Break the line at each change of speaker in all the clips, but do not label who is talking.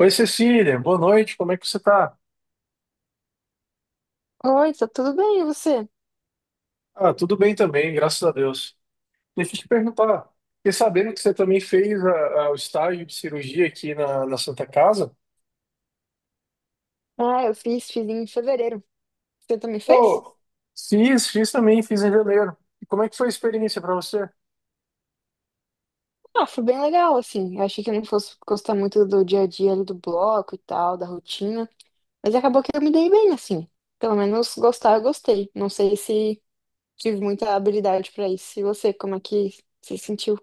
Oi, Cecília, boa noite, como é que você tá?
Oi, tá tudo bem, e você?
Ah, tudo bem também, graças a Deus. Deixa eu te perguntar, fiquei sabendo que você também fez o estágio de cirurgia aqui na Santa Casa?
Ah, eu fiz, fiz em fevereiro. Você também fez?
Pô, fiz, fiz também, fiz em janeiro. E como é que foi a experiência para você?
Ah, foi bem legal, assim. Eu achei que eu não fosse gostar muito do dia a dia ali do bloco e tal, da rotina. Mas acabou que eu me dei bem, assim. Pelo menos gostar, eu gostei. Não sei se tive muita habilidade pra isso. E você, como é que se sentiu?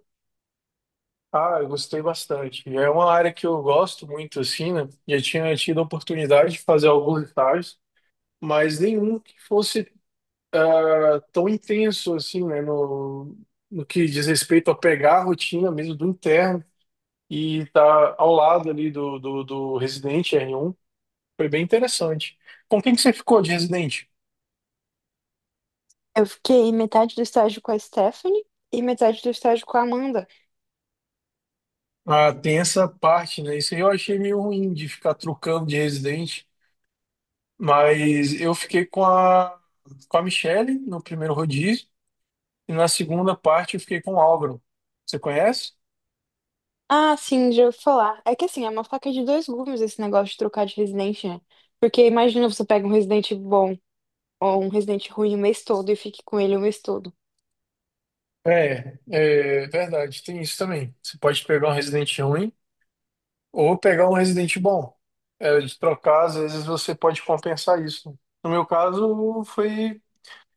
Ah, eu gostei bastante. É uma área que eu gosto muito, assim, né? Já tinha tido a oportunidade de fazer alguns estágios, mas nenhum que fosse tão intenso, assim, né? No, no que diz respeito a pegar a rotina mesmo do interno e estar ao lado ali do residente R1. Foi bem interessante. Com quem que você ficou de residente?
Eu fiquei metade do estágio com a Stephanie e metade do estágio com a Amanda.
Ah, tem essa parte, né? Isso aí eu achei meio ruim de ficar trocando de residente, mas eu fiquei com a Michelle no primeiro rodízio e na segunda parte eu fiquei com o Álvaro. Você conhece?
Ah, sim, já ouvi falar. É que assim, é uma faca de dois gumes esse negócio de trocar de residente, né? Porque imagina você pega um residente bom. Ou um residente ruim o mês todo e fique com ele o mês todo.
É, é verdade, tem isso também. Você pode pegar um residente ruim ou pegar um residente bom. É, de trocar, às vezes você pode compensar isso. No meu caso, foi.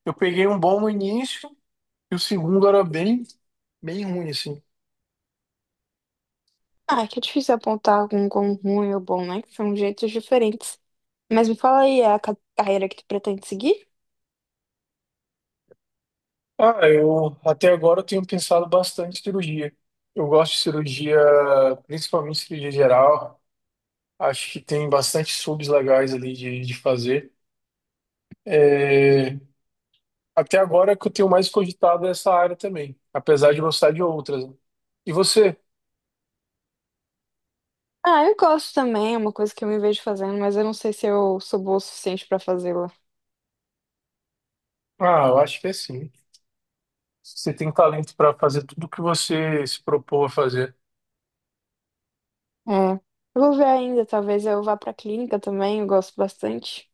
Eu peguei um bom no início e o segundo era bem, bem ruim, assim.
Ah, é que é difícil apontar algum como ruim ou bom, né? Que são jeitos diferentes. Mas me fala aí, é a carreira que tu pretende seguir?
Ah, eu até agora eu tenho pensado bastante em cirurgia. Eu gosto de cirurgia, principalmente cirurgia geral. Acho que tem bastante subs legais ali de fazer. É, até agora é que eu tenho mais cogitado essa área também, apesar de gostar de outras, né? E você?
Ah, eu gosto também, é uma coisa que eu me vejo fazendo, mas eu não sei se eu sou boa o suficiente pra fazê-la.
Ah, eu acho que é sim. Você tem talento para fazer tudo o que você se propôs a fazer.
É. Eu vou ver ainda, talvez eu vá pra clínica também, eu gosto bastante.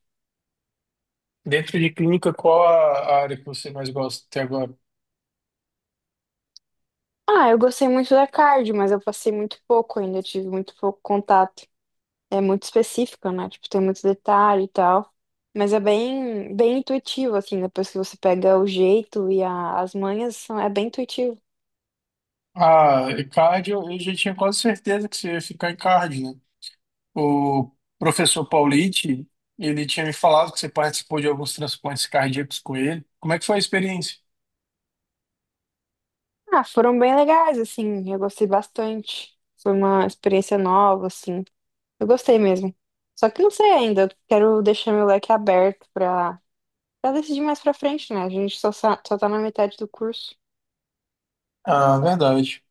Dentro de clínica, qual a área que você mais gosta até agora?
Ah, eu gostei muito da cardio, mas eu passei muito pouco ainda, eu tive muito pouco contato. É muito específica, né? Tipo, tem muito detalhe e tal. Mas é bem, bem intuitivo, assim, depois que você pega o jeito e as manhas, é bem intuitivo.
Ah, e cardio, eu já tinha quase certeza que você ia ficar em cardio, né? O professor Paulite, ele tinha me falado que você participou de alguns transplantes cardíacos com ele. Como é que foi a experiência?
Ah, foram bem legais, assim, eu gostei bastante. Foi uma experiência nova, assim. Eu gostei mesmo. Só que não sei ainda, eu quero deixar meu leque aberto pra, pra decidir mais pra frente, né? A gente só, só tá na metade do curso.
Ah, verdade.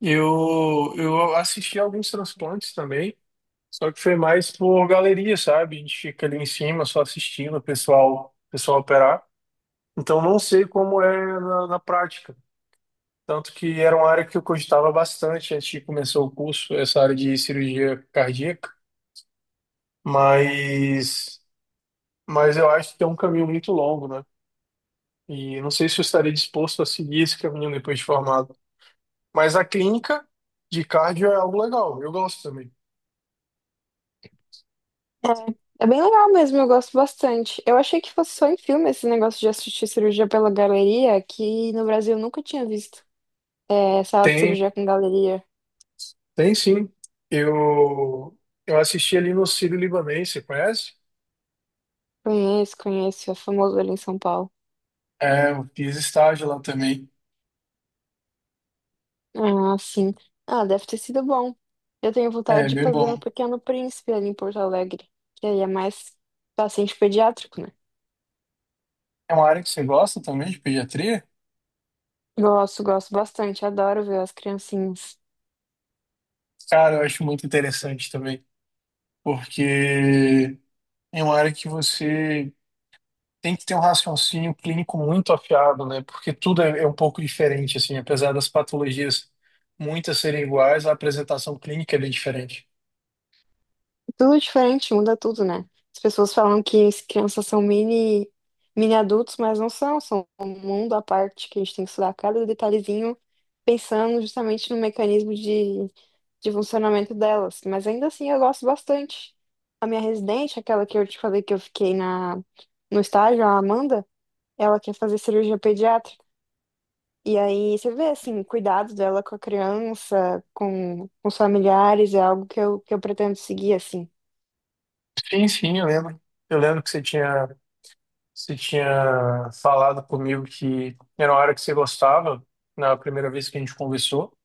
Eu assisti alguns transplantes também, só que foi mais por galeria, sabe? A gente fica ali em cima só assistindo o pessoal operar. Então não sei como é na prática. Tanto que era uma área que eu cogitava bastante antes de começar o curso, essa área de cirurgia cardíaca. Mas, mas eu acho que é um caminho muito longo, né? E não sei se eu estaria disposto a seguir esse caminho depois de formado. Mas a clínica de cardio é algo legal, eu gosto também.
É, é bem legal mesmo, eu gosto bastante. Eu achei que fosse só em filme esse negócio de assistir cirurgia pela galeria, que no Brasil eu nunca tinha visto. É, sala de
Tem,
cirurgia com galeria.
tem sim. Eu, eu assisti ali no Sírio-Libanês, você conhece?
Conheço, conheço, é famoso ali em São Paulo.
É, eu fiz estágio lá também.
Ah, sim. Ah, deve ter sido bom. Eu tenho
É
vontade de
bem
fazer no
bom.
Pequeno Príncipe ali em Porto Alegre, que aí é mais paciente pediátrico, né?
É uma área que você gosta também de pediatria?
Gosto, gosto bastante, adoro ver as criancinhas.
Cara, eu acho muito interessante também, porque é uma área que você tem que ter um raciocínio clínico muito afiado, né? Porque tudo é um pouco diferente, assim, apesar das patologias muitas serem iguais, a apresentação clínica é bem diferente.
Tudo diferente, muda tudo, né? As pessoas falam que as crianças são mini, mini adultos, mas não são, são um mundo à parte que a gente tem que estudar cada detalhezinho, pensando justamente no mecanismo de funcionamento delas. Mas ainda assim eu gosto bastante. A minha residente, aquela que eu te falei que eu fiquei no estágio, a Amanda, ela quer fazer cirurgia pediátrica. E aí você vê assim, o cuidado dela com a criança, com os familiares, é algo que eu pretendo seguir, assim.
Sim, sim, eu lembro. Eu lembro que você tinha falado comigo que era uma área que você gostava na primeira vez que a gente conversou,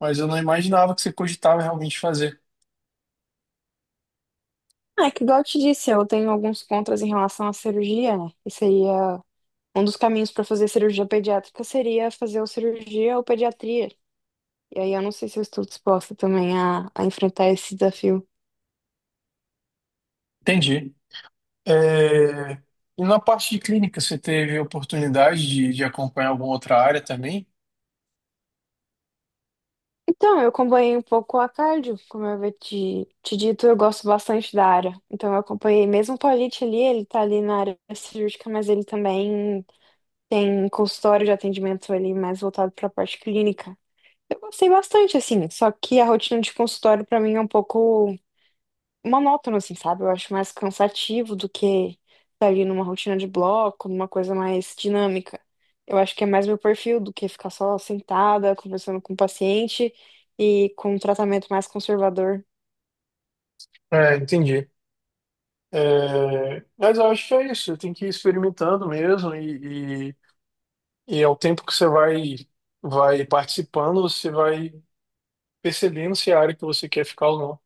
mas eu não imaginava que você cogitava realmente fazer.
É que, igual eu te disse, eu tenho alguns contras em relação à cirurgia, né? E seria um dos caminhos para fazer cirurgia pediátrica seria fazer ou cirurgia ou pediatria. E aí eu não sei se eu estou disposta também a enfrentar esse desafio.
Entendi. É, e na parte de clínica, você teve oportunidade de acompanhar alguma outra área também?
Então, eu acompanhei um pouco a cardio, como eu havia te dito, eu gosto bastante da área. Então, eu acompanhei mesmo o Paulite ali, ele tá ali na área cirúrgica, mas ele também tem consultório de atendimento ali mais voltado para a parte clínica. Eu gostei bastante, assim, só que a rotina de consultório pra mim é um pouco monótona, assim, sabe? Eu acho mais cansativo do que estar ali numa rotina de bloco, numa coisa mais dinâmica. Eu acho que é mais meu perfil do que ficar só sentada, conversando com o paciente e com um tratamento mais conservador.
É, entendi. É, mas eu acho que é isso, tem que ir experimentando mesmo e ao tempo que você vai, vai participando, você vai percebendo se é a área que você quer ficar ou não.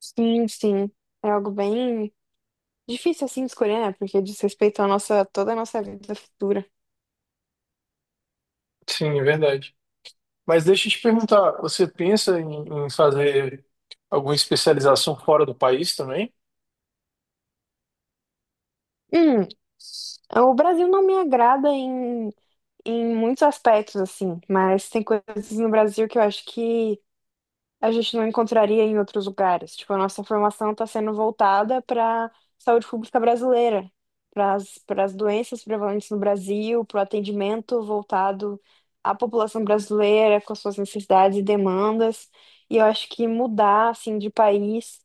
Sim, sim. É algo bem difícil, assim, de escolher, né? Porque diz respeito à nossa, toda a nossa vida futura.
Sim, é verdade. Mas deixa eu te perguntar, você pensa em fazer alguma especialização fora do país também?
Hum, o Brasil não me agrada em muitos aspectos, assim, mas tem coisas no Brasil que eu acho que a gente não encontraria em outros lugares. Tipo, a nossa formação está sendo voltada para saúde pública brasileira, para as doenças prevalentes no Brasil, para o atendimento voltado à população brasileira, com as suas necessidades e demandas. E eu acho que mudar, assim, de país,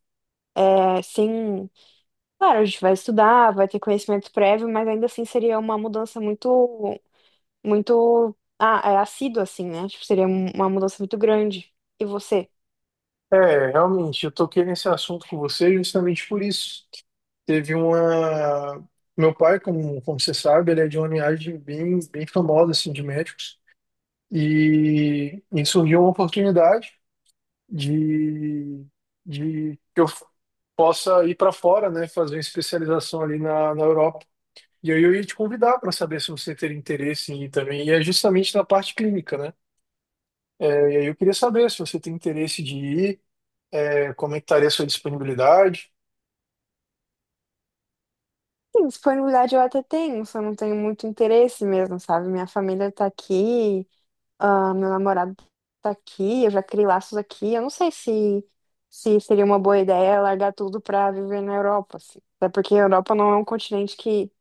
é, sem... Claro, a gente vai estudar, vai ter conhecimento prévio, mas ainda assim seria uma mudança muito muito é assíduo, assim, né? Tipo, seria uma mudança muito grande. E você?
É, realmente, eu toquei nesse assunto com você justamente por isso. Teve uma. Meu pai, como, como você sabe, ele é de uma linhagem bem, bem famosa assim, de médicos. E surgiu uma oportunidade de, de que eu possa ir para fora, né, fazer uma especialização ali na Europa. E aí eu ia te convidar para saber se você teria interesse em ir também, e é justamente na parte clínica, né? É, e aí eu queria saber se você tem interesse de ir, é, como é que estaria a sua disponibilidade.
Sim, disponibilidade eu até tenho, só não tenho muito interesse mesmo, sabe? Minha família tá aqui, ah, meu namorado tá aqui, eu já criei laços aqui. Eu não sei se seria uma boa ideia largar tudo pra viver na Europa, assim. Até porque a Europa não é um continente que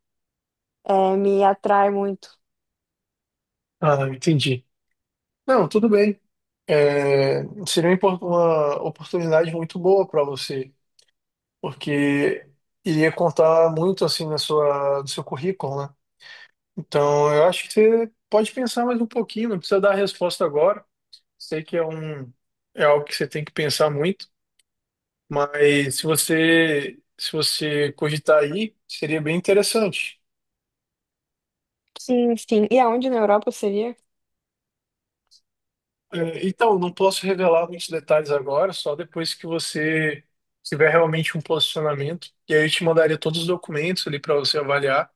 me atrai muito.
Ah, entendi. Não, tudo bem. É, seria uma uma oportunidade muito boa para você, porque iria contar muito assim na sua, do seu currículo, né? Então eu acho que você pode pensar mais um pouquinho, não precisa dar a resposta agora. Sei que é um, é algo que você tem que pensar muito. Mas se você cogitar aí, seria bem interessante.
Sim, sim. E aonde na Europa seria?
É, então, não posso revelar muitos detalhes agora, só depois que você tiver realmente um posicionamento. E aí eu te mandaria todos os documentos ali para você avaliar,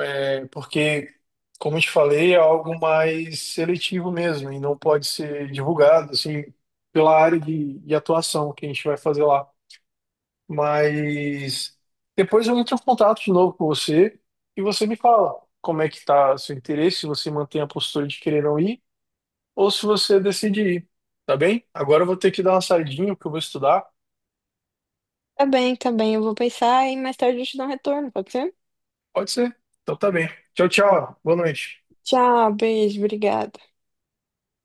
é, porque, como eu te falei, é algo mais seletivo mesmo e não pode ser divulgado assim pela área de atuação que a gente vai fazer lá. Mas depois eu entro em contato de novo com você e você me fala como é que tá seu interesse, se você mantém a postura de querer não ir ou se você decide ir, tá bem? Agora eu vou ter que dar uma saidinha porque eu vou estudar.
Tá bem, tá bem. Eu vou pensar e mais tarde eu te dou um retorno, pode ser?
Pode ser. Então tá bem. Tchau, tchau. Boa noite.
Tchau, beijo, obrigada.